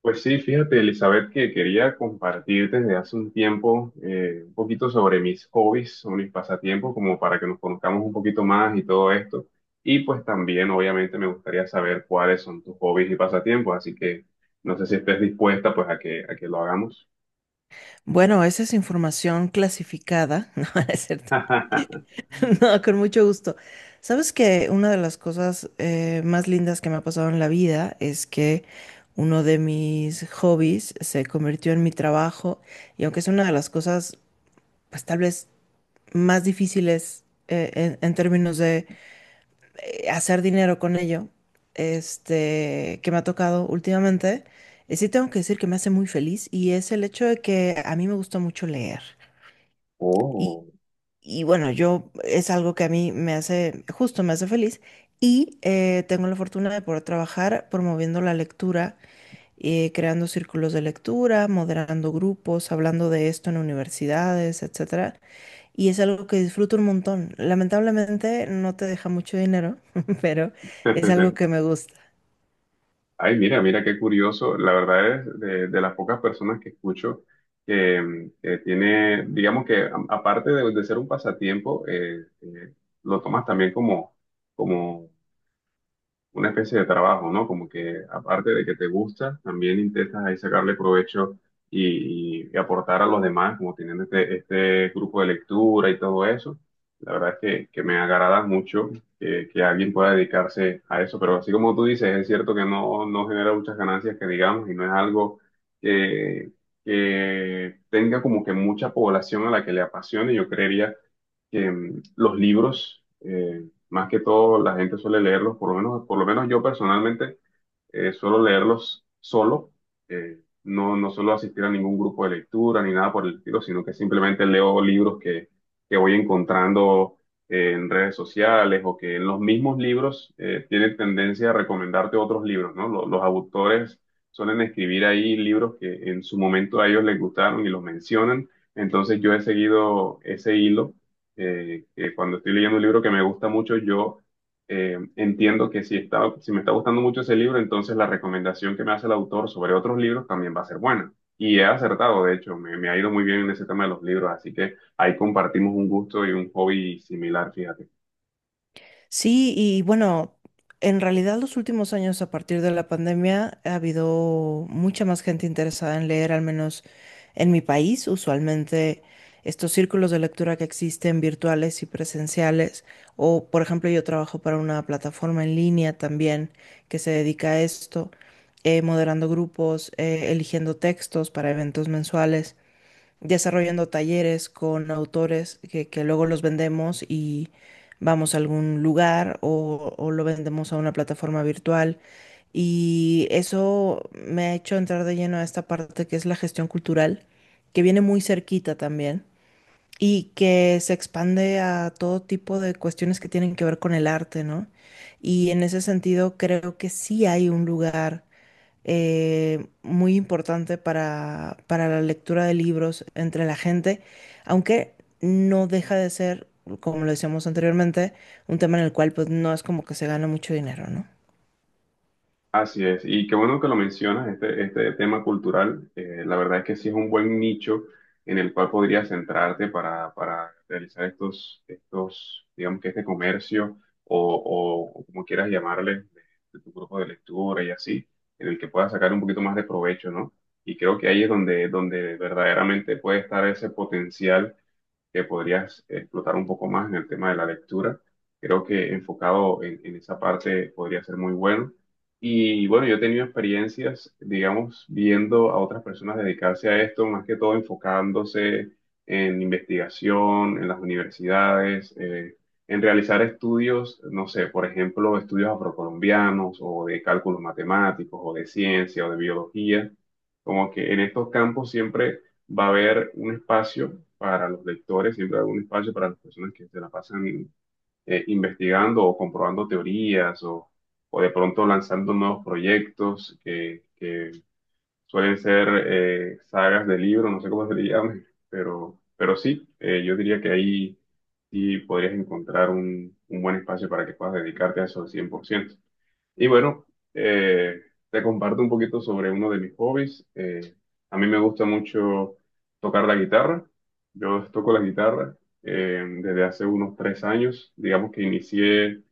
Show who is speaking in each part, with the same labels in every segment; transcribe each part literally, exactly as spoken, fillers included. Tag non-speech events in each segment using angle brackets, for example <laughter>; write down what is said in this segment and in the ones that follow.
Speaker 1: Pues sí, fíjate, Elizabeth, que quería compartir desde hace un tiempo eh, un poquito sobre mis hobbies, sobre mis pasatiempos, como para que nos conozcamos un poquito más y todo esto. Y pues también, obviamente, me gustaría saber cuáles son tus hobbies y pasatiempos, así que no sé si estés dispuesta pues a que, a que lo hagamos.
Speaker 2: Bueno, esa es información clasificada, <laughs> no, no es cierto. <laughs>
Speaker 1: <laughs>
Speaker 2: No, con mucho gusto. Sabes que una de las cosas eh, más lindas que me ha pasado en la vida es que uno de mis hobbies se convirtió en mi trabajo y aunque es una de las cosas, pues tal vez más difíciles eh, en, en términos de eh, hacer dinero con ello, este, que me ha tocado últimamente, eh, sí tengo que decir que me hace muy feliz y es el hecho de que a mí me gusta mucho leer. Y,
Speaker 1: Oh.
Speaker 2: y bueno, yo es algo que a mí me hace, justo me hace feliz. Y eh, tengo la fortuna de poder trabajar promoviendo la lectura, eh, creando círculos de lectura, moderando grupos, hablando de esto en universidades, etcétera. Y es algo que disfruto un montón. Lamentablemente no te deja mucho dinero, <laughs> pero es algo que
Speaker 1: <laughs>
Speaker 2: me gusta.
Speaker 1: Ay, mira, mira qué curioso. La verdad es de, de las pocas personas que escucho que, mm, que tiene, digamos que a- aparte de, de ser un pasatiempo, eh, eh, lo tomas también como, como una especie de trabajo, ¿no? Como que aparte de que te gusta, también intentas ahí sacarle provecho y, y y aportar a los demás, como teniendo este, este grupo de lectura y todo eso. La verdad es que, que me agrada mucho que, que alguien pueda dedicarse a eso, pero así como tú dices, es cierto que no, no genera muchas ganancias que digamos y no es algo que, que tenga como que mucha población a la que le apasione. Yo creería que mm, los libros, eh, más que todo la gente suele leerlos, por lo menos, por lo menos yo personalmente eh, suelo leerlos solo, eh, no, no suelo asistir a ningún grupo de lectura ni nada por el estilo, sino que simplemente leo libros que, que voy encontrando eh, en redes sociales o que en los mismos libros eh, tienen tendencia a recomendarte otros libros, ¿no? Los, los autores suelen escribir ahí libros que en su momento a ellos les gustaron y los mencionan, entonces yo he seguido ese hilo eh, que cuando estoy leyendo un libro que me gusta mucho, yo eh, entiendo que si está, si me está gustando mucho ese libro, entonces la recomendación que me hace el autor sobre otros libros también va a ser buena. Y he acertado, de hecho, me, me ha ido muy bien en ese tema de los libros, así que ahí compartimos un gusto y un hobby similar, fíjate.
Speaker 2: Sí, y bueno, en realidad los últimos años a partir de la pandemia ha habido mucha más gente interesada en leer, al menos en mi país. Usualmente estos círculos de lectura que existen virtuales y presenciales, o por ejemplo yo trabajo para una plataforma en línea también que se dedica a esto, eh, moderando grupos, eh, eligiendo textos para eventos mensuales desarrollando talleres con autores que, que luego los vendemos y vamos a algún lugar o, o lo vendemos a una plataforma virtual. Y eso me ha hecho entrar de lleno a esta parte que es la gestión cultural, que viene muy cerquita también y que se expande a todo tipo de cuestiones que tienen que ver con el arte, ¿no? Y en ese sentido creo que sí hay un lugar eh, muy importante para, para la lectura de libros entre la gente, aunque no deja de ser, como lo decíamos anteriormente, un tema en el cual pues no es como que se gana mucho dinero, ¿no?
Speaker 1: Así es, y qué bueno que lo mencionas, este, este tema cultural, eh, la verdad es que sí es un buen nicho en el cual podrías centrarte para, para realizar estos, estos, digamos que este comercio o, o como quieras llamarle, de, de tu grupo de lectura y así, en el que puedas sacar un poquito más de provecho, ¿no? Y creo que ahí es donde, donde verdaderamente puede estar ese potencial que podrías explotar un poco más en el tema de la lectura. Creo que enfocado en, en esa parte podría ser muy bueno. Y bueno, yo he tenido experiencias, digamos, viendo a otras personas dedicarse a esto, más que todo enfocándose en investigación, en las universidades, eh, en realizar estudios, no sé, por ejemplo, estudios afrocolombianos o de cálculos matemáticos o de ciencia o de biología. Como que en estos campos siempre va a haber un espacio para los lectores, siempre hay un espacio para las personas que se la pasan eh, investigando o comprobando teorías o, o de pronto lanzando nuevos proyectos que, que suelen ser eh, sagas de libros, no sé cómo se le llame, pero, pero sí, eh, yo diría que ahí sí podrías encontrar un, un buen espacio para que puedas dedicarte a eso al cien por ciento y bueno, eh, te comparto un poquito sobre uno de mis hobbies. Eh, a mí me gusta mucho tocar la guitarra. Yo toco la guitarra eh, desde hace unos tres años. Digamos que inicié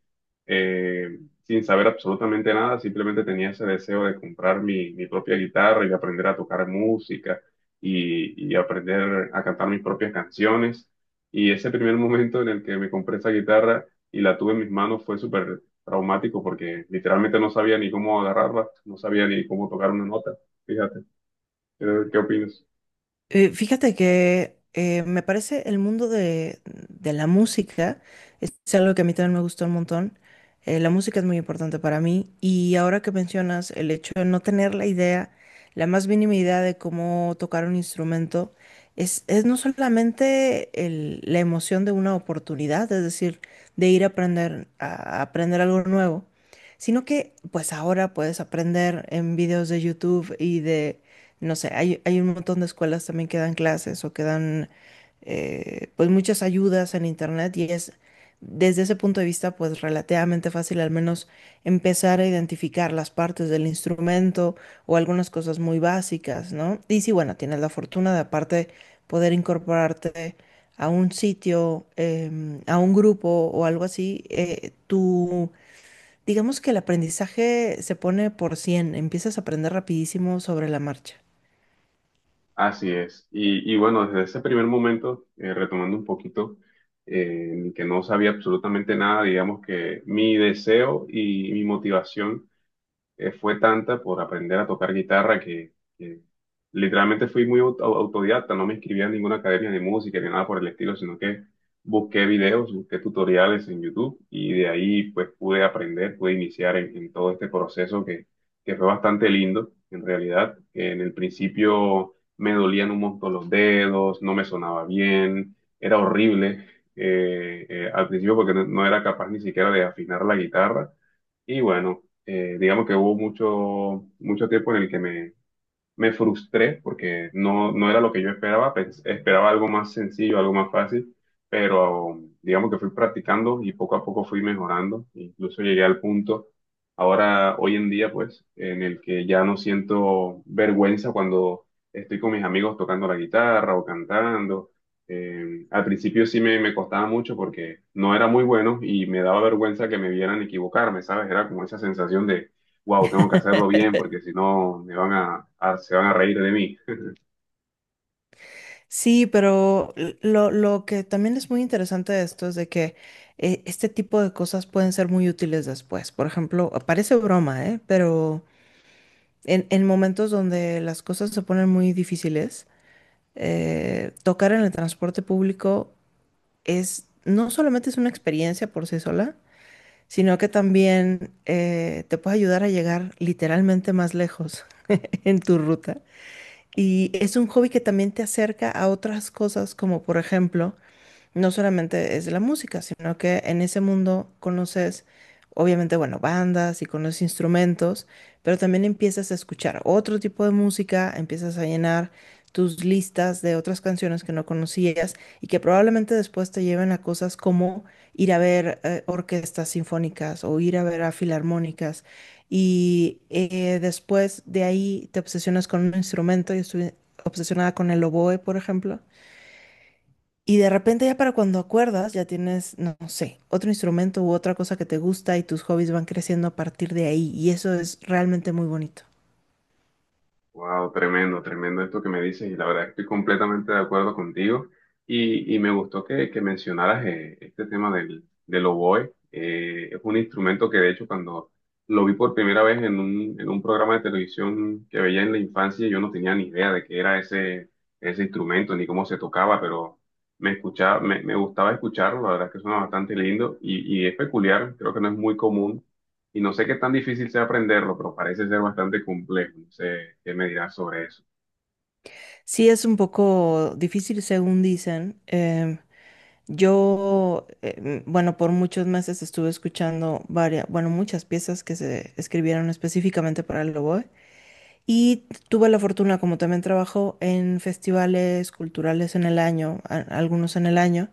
Speaker 1: eh, sin saber absolutamente nada, simplemente tenía ese deseo de comprar mi, mi propia guitarra y de aprender a tocar música y, y aprender a cantar mis propias canciones. Y ese primer momento en el que me compré esa guitarra y la tuve en mis manos fue súper traumático porque literalmente no sabía ni cómo agarrarla, no sabía ni cómo tocar una nota. Fíjate, ¿qué, qué opinas?
Speaker 2: Eh, fíjate que eh, me parece el mundo de, de la música es algo que a mí también me gustó un montón. Eh, la música es muy importante para mí y ahora que mencionas el hecho de no tener la idea, la más mínima idea de cómo tocar un instrumento, es, es no solamente el- la emoción de una oportunidad, es decir, de ir a aprender, a aprender algo nuevo, sino que pues ahora puedes aprender en videos de YouTube y de no sé, hay, hay un montón de escuelas también que dan clases o que dan eh, pues muchas ayudas en internet y es desde ese punto de vista pues relativamente fácil al menos empezar a identificar las partes del instrumento o algunas cosas muy básicas, ¿no? Y si bueno, tienes la fortuna de aparte poder incorporarte a un sitio, em, a un grupo o algo así, eh, tú... Digamos que el aprendizaje se pone por cien empiezas a aprender rapidísimo sobre la marcha.
Speaker 1: Así es. Y, y bueno, desde ese primer momento, eh, retomando un poquito, eh, en que no sabía absolutamente nada, digamos que mi deseo y mi motivación eh, fue tanta por aprender a tocar guitarra que, que literalmente fui muy aut- au- autodidacta, no me inscribí en ninguna academia de música ni nada por el estilo, sino que busqué videos, busqué tutoriales en YouTube y de ahí pues pude aprender, pude iniciar en, en todo este proceso que, que fue bastante lindo, en realidad. En el principio me dolían un montón los dedos, no me sonaba bien, era horrible. Eh, eh, al principio porque no no era capaz ni siquiera de afinar la guitarra y bueno, eh, digamos que hubo mucho, mucho tiempo en el que me, me frustré porque no, no era lo que yo esperaba, pens- esperaba algo más sencillo, algo más fácil, pero digamos que fui practicando y poco a poco fui mejorando, incluso llegué al punto ahora, hoy en día, pues, en el que ya no siento vergüenza cuando estoy con mis amigos tocando la guitarra o cantando. Eh, al principio sí me, me costaba mucho porque no era muy bueno y me daba vergüenza que me vieran equivocarme, ¿sabes? Era como esa sensación de wow, tengo que hacerlo bien porque si no me van a, a- se van a reír de mí.
Speaker 2: Sí, pero l- lo, lo que también es muy interesante de esto es de que eh, este tipo de cosas pueden ser muy útiles después. Por ejemplo, ah, parece broma, ¿eh? Pero en, en momentos donde las cosas se ponen muy difíciles, eh, tocar en el transporte público es, no solamente es una experiencia por sí sola, sino que también eh, te puede ayudar a llegar literalmente más lejos <laughs> en tu ruta. Y es un hobby que también te acerca a otras cosas, como por ejemplo, no solamente es de la música, sino que en ese mundo conoces, obviamente, bueno, bandas y conoces instrumentos, pero también empiezas a escuchar otro tipo de música, empiezas a llenar tus listas de otras canciones que no conocías y que probablemente después te lleven a cosas como ir a ver eh, orquestas sinfónicas o ir a ver a filarmónicas. Y eh, después de ahí te obsesionas con un instrumento. Yo estuve obsesionada con el oboe, por ejemplo y de repente ya para cuando acuerdas, ya tienes, no, no sé, otro instrumento u otra cosa que te gusta y tus hobbies van creciendo a partir de ahí. Y eso es realmente muy bonito.
Speaker 1: Wow, tremendo, tremendo esto que me dices y la verdad estoy completamente de acuerdo contigo y, y me gustó que, que mencionaras eh, este tema del, del oboe. Eh, es un instrumento que de hecho cuando lo vi por primera vez en un, en un programa de televisión que veía en la infancia yo no tenía ni idea de qué era ese, ese instrumento ni cómo se tocaba, pero me escuchaba, me, me gustaba escucharlo, la verdad es que suena bastante lindo y, y es peculiar, creo que no es muy común. Y no sé qué tan difícil sea aprenderlo, pero parece ser bastante complejo. No sé qué me dirás sobre eso.
Speaker 2: Sí, es un poco difícil según dicen. Em, yo, em, bueno, por muchos meses estuve escuchando varias, bueno, muchas piezas que se escribieron específicamente para el oboe. Y tuve la fortuna, como también trabajo en festivales culturales en el año, a- algunos en el año.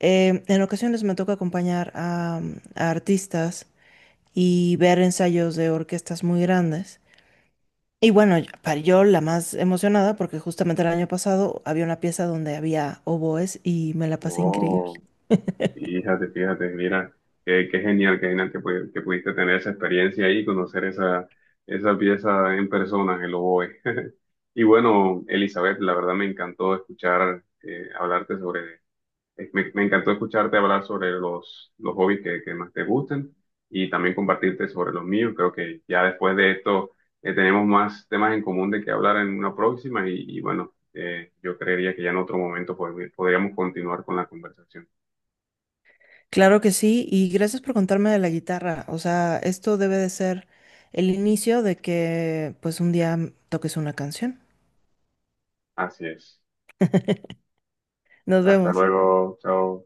Speaker 2: Eh, en ocasiones me toca acompañar a, a artistas y ver ensayos de orquestas muy grandes. Y bueno, yo- para yo la más emocionada, porque justamente el año pasado había una pieza donde había oboes y me la pasé increíble.
Speaker 1: Oh, fíjate, fíjate, mira, qué, qué genial, qué genial que, pudi- que pudiste tener esa experiencia ahí, y conocer esa, esa pieza en persona, el oboe. <laughs> Y bueno, Elizabeth, la verdad me encantó escuchar, eh, hablarte sobre Eh, Me, me encantó escucharte hablar sobre los, los hobbies que, que más te gusten y también compartirte sobre los míos. Creo que ya después de esto eh, tenemos más temas en común de que hablar en una próxima y, y bueno, eh, yo creería que ya en otro momento pod- podríamos continuar con la conversación.
Speaker 2: Claro que sí, y gracias por contarme de la guitarra. O sea, esto debe de ser el inicio de que pues un día toques una canción.
Speaker 1: Así es.
Speaker 2: Nos
Speaker 1: Hasta
Speaker 2: vemos.
Speaker 1: luego. Chao.